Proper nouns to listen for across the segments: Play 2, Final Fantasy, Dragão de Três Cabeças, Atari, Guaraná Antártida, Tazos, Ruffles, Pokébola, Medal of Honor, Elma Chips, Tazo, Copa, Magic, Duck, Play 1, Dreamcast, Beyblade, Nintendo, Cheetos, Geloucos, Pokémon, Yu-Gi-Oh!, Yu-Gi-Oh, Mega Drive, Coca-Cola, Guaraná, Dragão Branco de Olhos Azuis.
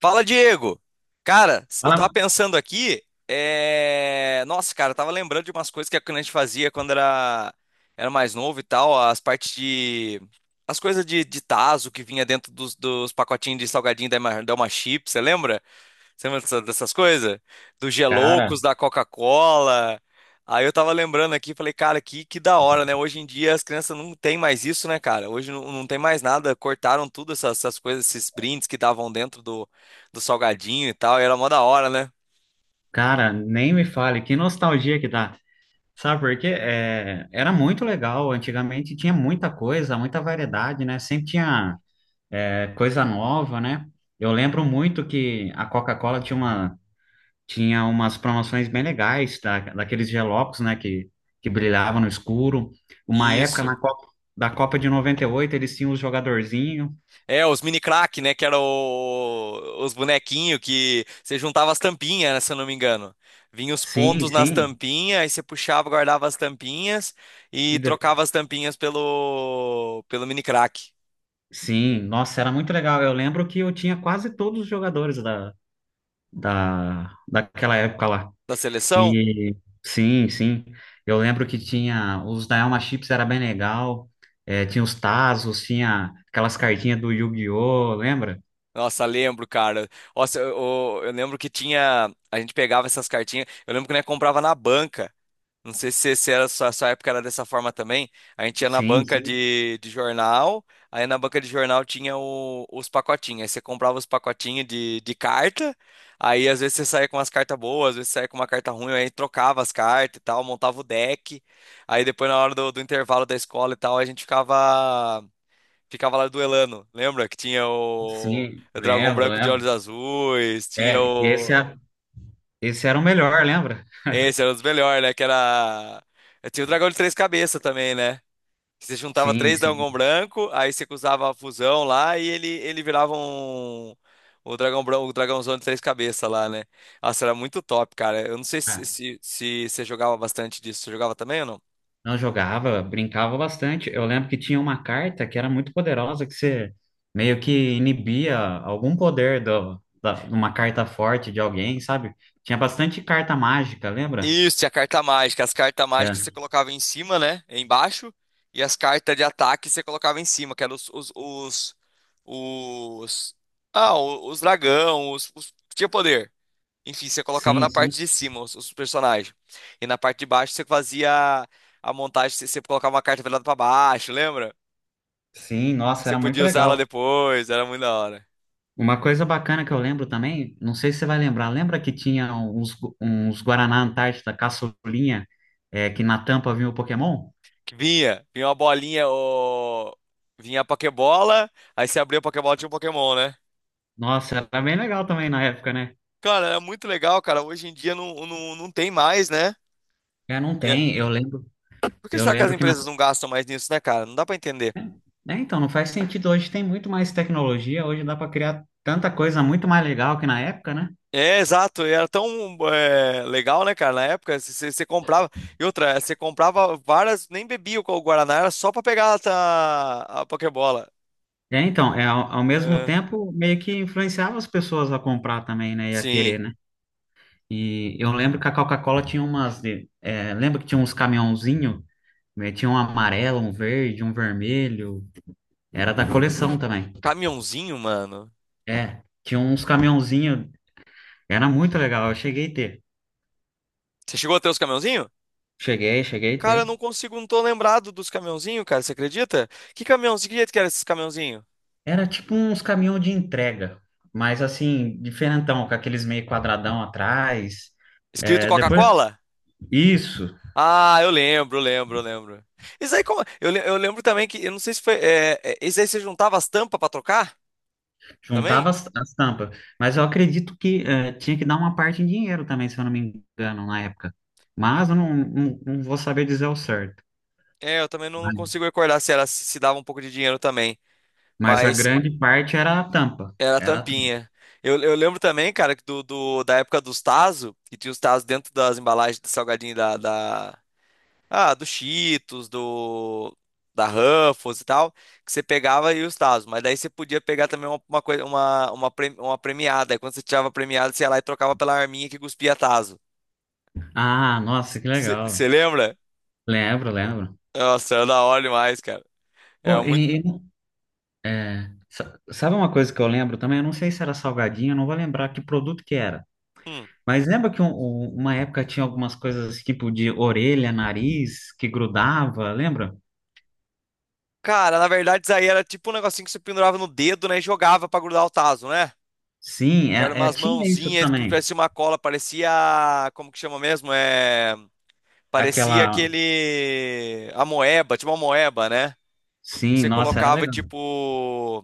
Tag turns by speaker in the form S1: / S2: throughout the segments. S1: Fala, Diego! Cara, eu tava
S2: Fala,
S1: pensando aqui, nossa, cara, eu tava lembrando de umas coisas que a gente fazia era mais novo e tal, as partes de. As coisas de tazo que vinha dentro dos pacotinhos de salgadinho da Elma Chips, você lembra? Você lembra dessas coisas? Dos
S2: cara.
S1: Geloucos, da Coca-Cola. Aí eu tava lembrando aqui, falei, cara, que da hora, né? Hoje em dia as crianças não tem mais isso, né, cara? Hoje não, não tem mais nada, cortaram tudo essas coisas, esses brindes que davam dentro do salgadinho e tal, e era mó da hora, né?
S2: Nem me fale, que nostalgia que dá. Sabe por quê? Era muito legal, antigamente tinha muita coisa, muita variedade, né? Sempre tinha coisa nova, né? Eu lembro muito que a Coca-Cola tinha uma, tinha umas promoções bem legais, daqueles gelocos, né? Que brilhavam no escuro. Uma época
S1: Isso.
S2: na Copa, da Copa de 98 eles tinham os jogadorzinhos.
S1: É, os mini crack, né? Que eram os bonequinhos que você juntava as tampinhas, né, se eu não me engano. Vinha os
S2: Sim,
S1: pontos nas
S2: sim.
S1: tampinhas, aí você puxava, guardava as tampinhas
S2: E
S1: e
S2: de-
S1: trocava as tampinhas pelo mini crack
S2: Sim, nossa, era muito legal. Eu lembro que eu tinha quase todos os jogadores daquela época lá.
S1: da seleção.
S2: E sim, sim. Eu lembro que tinha os da Elma Chips, era bem legal. É, tinha os Tazos, tinha aquelas cartinhas do Yu-Gi-Oh! Lembra?
S1: Nossa, lembro, cara. Nossa, eu lembro que tinha. A gente pegava essas cartinhas. Eu lembro que nós comprava na banca. Não sei se era sua época era dessa forma também. A gente ia na
S2: Sim,
S1: banca
S2: sim,
S1: de jornal, aí na banca de jornal tinha os pacotinhos. Aí você comprava os pacotinhos de carta, aí às vezes você saía com umas cartas boas, às vezes saía com uma carta ruim, aí trocava as cartas e tal, montava o deck. Aí depois na hora do intervalo da escola e tal, ficava lá duelando. Lembra que tinha
S2: sim,
S1: o Dragão
S2: lembro,
S1: Branco de
S2: lembro.
S1: Olhos Azuis, tinha
S2: É, esse,
S1: o.
S2: é- Esse era o melhor, lembra?
S1: Esse era um dos melhores, né? Que era. Tinha o Dragão de Três Cabeças também, né? Você juntava
S2: Sim,
S1: três
S2: sim.
S1: dragão branco, aí você usava a fusão lá e ele virava um. O dragão branco, o dragãozão de três cabeças lá, né? Nossa, era muito top, cara. Eu não sei
S2: Ah,
S1: se você jogava bastante disso. Você jogava também ou não?
S2: não jogava, brincava bastante. Eu lembro que tinha uma carta que era muito poderosa, que você meio que inibia algum poder de uma carta forte de alguém, sabe? Tinha bastante carta mágica, lembra?
S1: Isso, tinha carta mágica. As cartas mágicas você
S2: É.
S1: colocava em cima, né? Embaixo. E as cartas de ataque você colocava em cima, que eram os- ah, os dragão, tinha poder. Enfim, você colocava
S2: Sim,
S1: na
S2: sim.
S1: parte de cima os personagens. E na parte de baixo você fazia a montagem, você colocava uma carta velada pra baixo, lembra?
S2: Sim, nossa,
S1: Você
S2: era muito
S1: podia usar ela
S2: legal.
S1: depois, era muito da hora.
S2: Uma coisa bacana que eu lembro também, não sei se você vai lembrar, lembra que tinha uns, uns Guaraná Antártida caçulinha, é, que na tampa vinha o Pokémon?
S1: Vinha uma bolinha, o... vinha a Pokébola, aí você abria a Pokébola tinha um Pokémon, né?
S2: Nossa, era bem legal também na época, né?
S1: Cara, era muito legal, cara. Hoje em dia não, não, não tem mais, né?
S2: É, não
S1: E é-
S2: tem.
S1: e- por que
S2: Eu
S1: será que as
S2: lembro que
S1: empresas não gastam mais nisso, né, cara? Não dá pra entender.
S2: é, então, não faz sentido. Hoje tem muito mais tecnologia, hoje dá para criar tanta coisa muito mais legal que na época, né?
S1: É, exato, e era tão é, legal, né, cara? Na época, você comprava. E outra, você comprava várias, nem bebia o Guaraná, era só pra pegar a Pokébola.
S2: É, então, é, ao mesmo
S1: É,
S2: tempo, meio que influenciava as pessoas a comprar também, né? E a querer,
S1: sim.
S2: né? E eu lembro que a Coca-Cola tinha umas. É, lembra que tinha uns caminhãozinho, né? Tinha um amarelo, um verde, um vermelho. Era da coleção também.
S1: Caminhãozinho, mano.
S2: É, tinha uns caminhãozinho. Era muito legal. Eu cheguei a ter.
S1: Você chegou a ter os caminhãozinho?
S2: Cheguei, cheguei a
S1: Cara,
S2: ter.
S1: eu não consigo, não tô lembrado dos caminhãozinho, cara, você acredita? Que caminhãozinho, que jeito que era esses caminhãozinho?
S2: Era tipo uns caminhão de entrega, mas assim, diferentão, com aqueles meio quadradão atrás.
S1: Escrito
S2: É, depois,
S1: Coca-Cola?
S2: isso,
S1: Ah, eu lembro, lembro, lembro. Isso aí, como... eu lembro também que, eu não sei se foi. Esse aí você juntava as tampas pra trocar também?
S2: juntava as tampas. Mas eu acredito que é, tinha que dar uma parte em dinheiro também, se eu não me engano, na época. Mas eu não vou saber dizer o certo.
S1: É, eu também não consigo recordar se ela se dava um pouco de dinheiro também,
S2: Mas a
S1: mas
S2: grande parte era a tampa.
S1: era
S2: Era a tampa.
S1: tampinha. Eu lembro também, cara, que da época dos Tazo, que tinha os Tazo dentro das embalagens do salgadinho ah, do Cheetos, do da Ruffles e tal, que você pegava e os Tazo, mas daí você podia pegar também uma coisa, uma premiada. Aí quando você tirava a premiada, você ia lá e trocava pela arminha que cuspia Tazo.
S2: Ah, nossa, que legal.
S1: Você lembra?
S2: Lembro, lembro.
S1: Nossa, era da hora demais, cara.
S2: Pô,
S1: Era muito.
S2: e, e, é, sabe uma coisa que eu lembro também? Eu não sei se era salgadinho, eu não vou lembrar que produto que era.
S1: Hum.
S2: Mas lembra que uma época tinha algumas coisas tipo de orelha, nariz, que grudava, lembra?
S1: Cara, na verdade, isso aí era tipo um negocinho que você pendurava no dedo, né? E jogava pra grudar o tazo, né?
S2: Sim,
S1: Que era
S2: é,
S1: umas
S2: tinha isso
S1: mãozinhas que
S2: também.
S1: parecia uma cola, parecia. Como que chama mesmo? É. Parecia
S2: Aquela.
S1: aquele. A moeba, tipo uma moeba, né?
S2: Sim,
S1: Você
S2: nossa, era
S1: colocava,
S2: legal.
S1: tipo.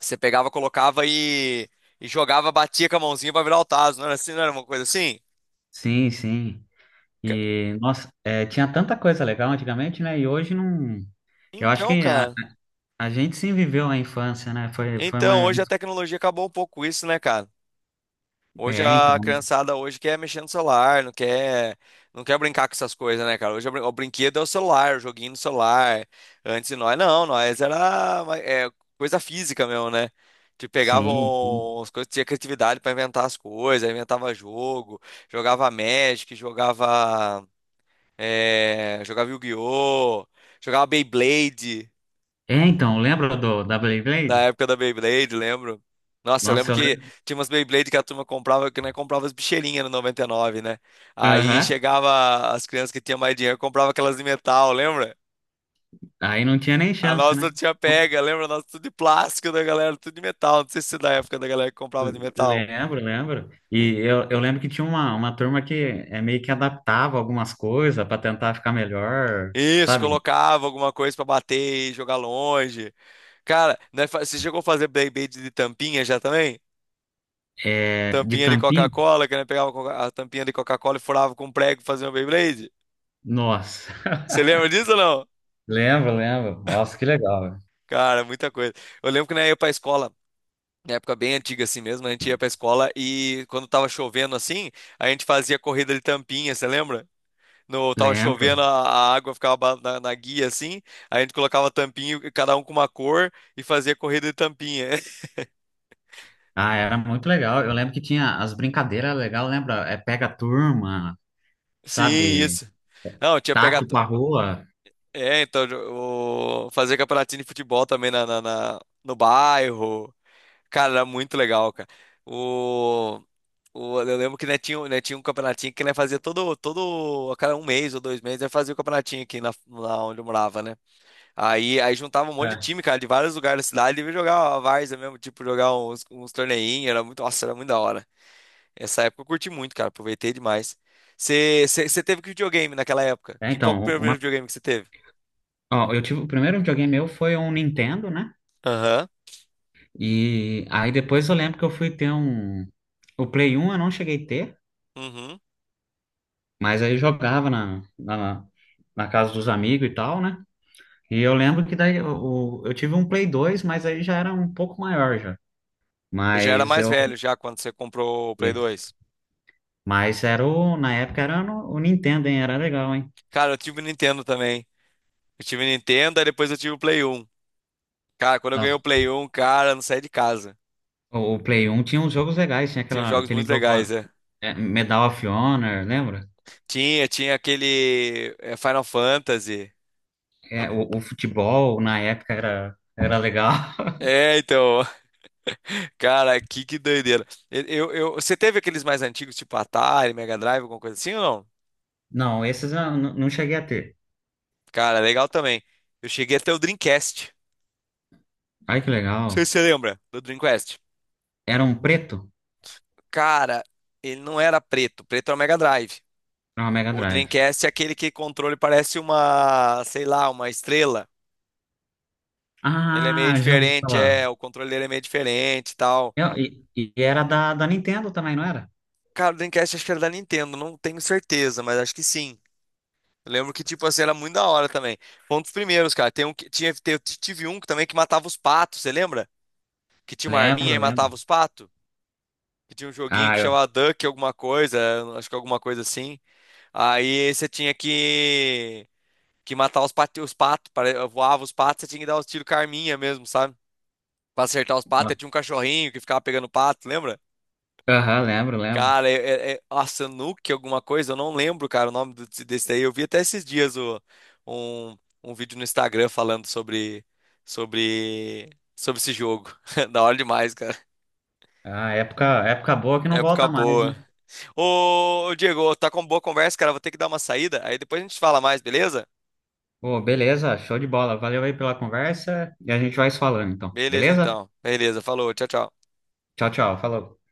S1: Você pegava, colocava e. E jogava, batia com a mãozinha pra virar o tazo, não era assim? Não era uma coisa assim?
S2: Sim, sim.
S1: Ca-
S2: E, nossa, é, tinha tanta coisa legal antigamente, né? E hoje não. Eu acho
S1: Então,
S2: que
S1: cara.
S2: a gente sim viveu a infância, né? Foi
S1: Então,
S2: uma.
S1: hoje a tecnologia acabou um pouco com isso, né, cara? Hoje
S2: É,
S1: a
S2: então.
S1: criançada hoje quer mexer no celular, não quer brincar com essas coisas, né, cara? Hoje a o brinquedo é o celular, o joguinho no celular. Antes de nós, não, nós era ma- é, coisa física mesmo, né? Te
S2: Sim, sim.
S1: pegavam as coisas, tinha criatividade pra inventar as coisas, inventava jogo, jogava Magic, jogava Yu-Gi-Oh, jogava Beyblade.
S2: É, então, lembra da
S1: Na
S2: Beyblade?
S1: época da Beyblade, lembro. Nossa, eu lembro
S2: Nossa, eu
S1: que
S2: lembro.
S1: tinha umas Beyblade que a turma comprava, que nós comprava as bicheirinhas no 99, né? Aí
S2: Aham.
S1: chegava as crianças que tinham mais dinheiro, comprava aquelas de metal, lembra?
S2: Aí não tinha nem
S1: A
S2: chance,
S1: nossa
S2: né?
S1: tinha pega, lembra? A nossa tudo de plástico da galera, tudo de metal. Não sei se é da época da galera que comprava de metal.
S2: Lembro, lembro. Eu lembro que tinha uma turma que é meio que adaptava algumas coisas para tentar ficar melhor,
S1: Isso,
S2: sabe?
S1: colocava alguma coisa pra bater e jogar longe. Cara, né, você chegou a fazer Beyblade de tampinha já também?
S2: É, de
S1: Tampinha de
S2: tampinha.
S1: Coca-Cola, que né, pegava a a tampinha de Coca-Cola e furava com um prego e fazia uma Beyblade?
S2: Nossa,
S1: Você lembra disso ou não?
S2: lembro, lembro. Nossa, que legal, velho.
S1: Cara, muita coisa. Eu lembro que na época ia pra escola, na época bem antiga assim mesmo, a gente ia pra escola e quando tava chovendo assim, a gente fazia corrida de tampinha, você lembra? No, tava
S2: Lembro.
S1: chovendo, a água ficava na guia assim, a gente colocava tampinha, cada um com uma cor e fazia corrida de tampinha.
S2: Ah, era muito legal. Eu lembro que tinha as brincadeiras legais, lembra? É pega a turma,
S1: Sim,
S2: sabe?
S1: isso. Não, tinha
S2: Taco
S1: pegado.
S2: pra rua.
S1: É, então, o... fazer campeonatinho de futebol também na, no bairro. Cara, era muito legal, cara. O, eu lembro que né, tinha, né, tinha um campeonatinho que né, todo, a cada um mês ou 2 meses, né, fazia o campeonatinho aqui na, lá onde eu morava, né? Aí juntava um monte de
S2: É,
S1: time, cara, de vários lugares da cidade e jogava a várzea mesmo, tipo, jogar uns torneinhos, era muito, nossa, era muito da hora. Essa época eu curti muito, cara, aproveitei demais. Você teve que videogame naquela época?
S2: é,
S1: Que, qual que
S2: então,
S1: foi o primeiro
S2: uma,
S1: videogame que você teve?
S2: ó, eu tive, o primeiro videogame meu foi um Nintendo, né?
S1: Aham.
S2: E aí depois eu lembro que eu fui ter um. O Play 1 eu não cheguei a ter,
S1: Uhum.
S2: mas aí eu jogava na casa dos amigos e tal, né? E eu lembro que daí eu tive um Play dois, mas aí já era um pouco maior já.
S1: Eu já era
S2: Mas
S1: mais velho
S2: eu.
S1: já quando você comprou o Play 2.
S2: Mas era o. Na época era o Nintendo, hein? Era legal, hein?
S1: Cara, eu tive o Nintendo também. Eu tive Nintendo, aí depois eu tive o Play 1. Cara, quando eu ganhei
S2: Nossa,
S1: o Play 1, cara, eu não saí de casa.
S2: o Play 1 tinha uns jogos legais, tinha
S1: Tinha
S2: aquela,
S1: jogos
S2: aquele
S1: muito
S2: jogo
S1: legais,
S2: lá,
S1: é.
S2: é, Medal of Honor, lembra?
S1: Tinha aquele é, Final Fantasy.
S2: É, o futebol na época era, era legal.
S1: É, então, cara, que doideira. Você teve aqueles mais antigos, tipo Atari, Mega Drive, alguma coisa assim ou não?
S2: Não, esses eu não cheguei a ter.
S1: Cara, legal também. Eu cheguei até o Dreamcast.
S2: Ai, que
S1: Não sei
S2: legal.
S1: se você lembra do Dreamcast.
S2: Era um preto?
S1: Cara, ele não era preto. Preto era o Mega Drive.
S2: Era uma Mega
S1: O
S2: Drive.
S1: Dreamcast é aquele que controle parece uma, sei lá, uma estrela. Ele é meio
S2: Ah, já ouvi
S1: diferente,
S2: falar.
S1: é, o controle dele é meio diferente e tal.
S2: E era da Nintendo também, não era?
S1: Cara, o Dreamcast acho que era da Nintendo, não tenho certeza, mas acho que sim. Eu lembro que, tipo assim, era muito da hora também. Foi um dos primeiros, cara. Tem um que, tinha, tive um também que matava os patos, você lembra? Que tinha uma arminha
S2: Lembro,
S1: e
S2: lembro.
S1: matava os patos? Que tinha um joguinho
S2: Ah,
S1: que
S2: eu.
S1: chamava Duck alguma coisa, eu acho que alguma coisa assim. Aí você tinha que matar os patos, voava os patos, você tinha que dar os tiros com a arminha mesmo, sabe? Pra acertar os patos, aí tinha um cachorrinho que ficava pegando pato, lembra?
S2: Aham, lembro, lembro.
S1: Cara, é a Sanuki alguma coisa, eu não lembro, cara, o nome desse daí. Eu vi até esses dias um, um vídeo no Instagram falando sobre, sobre esse jogo. Da hora demais, cara.
S2: Ah, época, época boa que não
S1: Época
S2: volta mais, né?
S1: boa. Ô, Diego, tá com boa conversa, cara. Vou ter que dar uma saída. Aí depois a gente fala mais, beleza?
S2: Pô, beleza, show de bola. Valeu aí pela conversa e a gente vai se falando, então.
S1: Beleza,
S2: Beleza?
S1: então. Beleza, falou. Tchau, tchau.
S2: Tchau, tchau. Falou.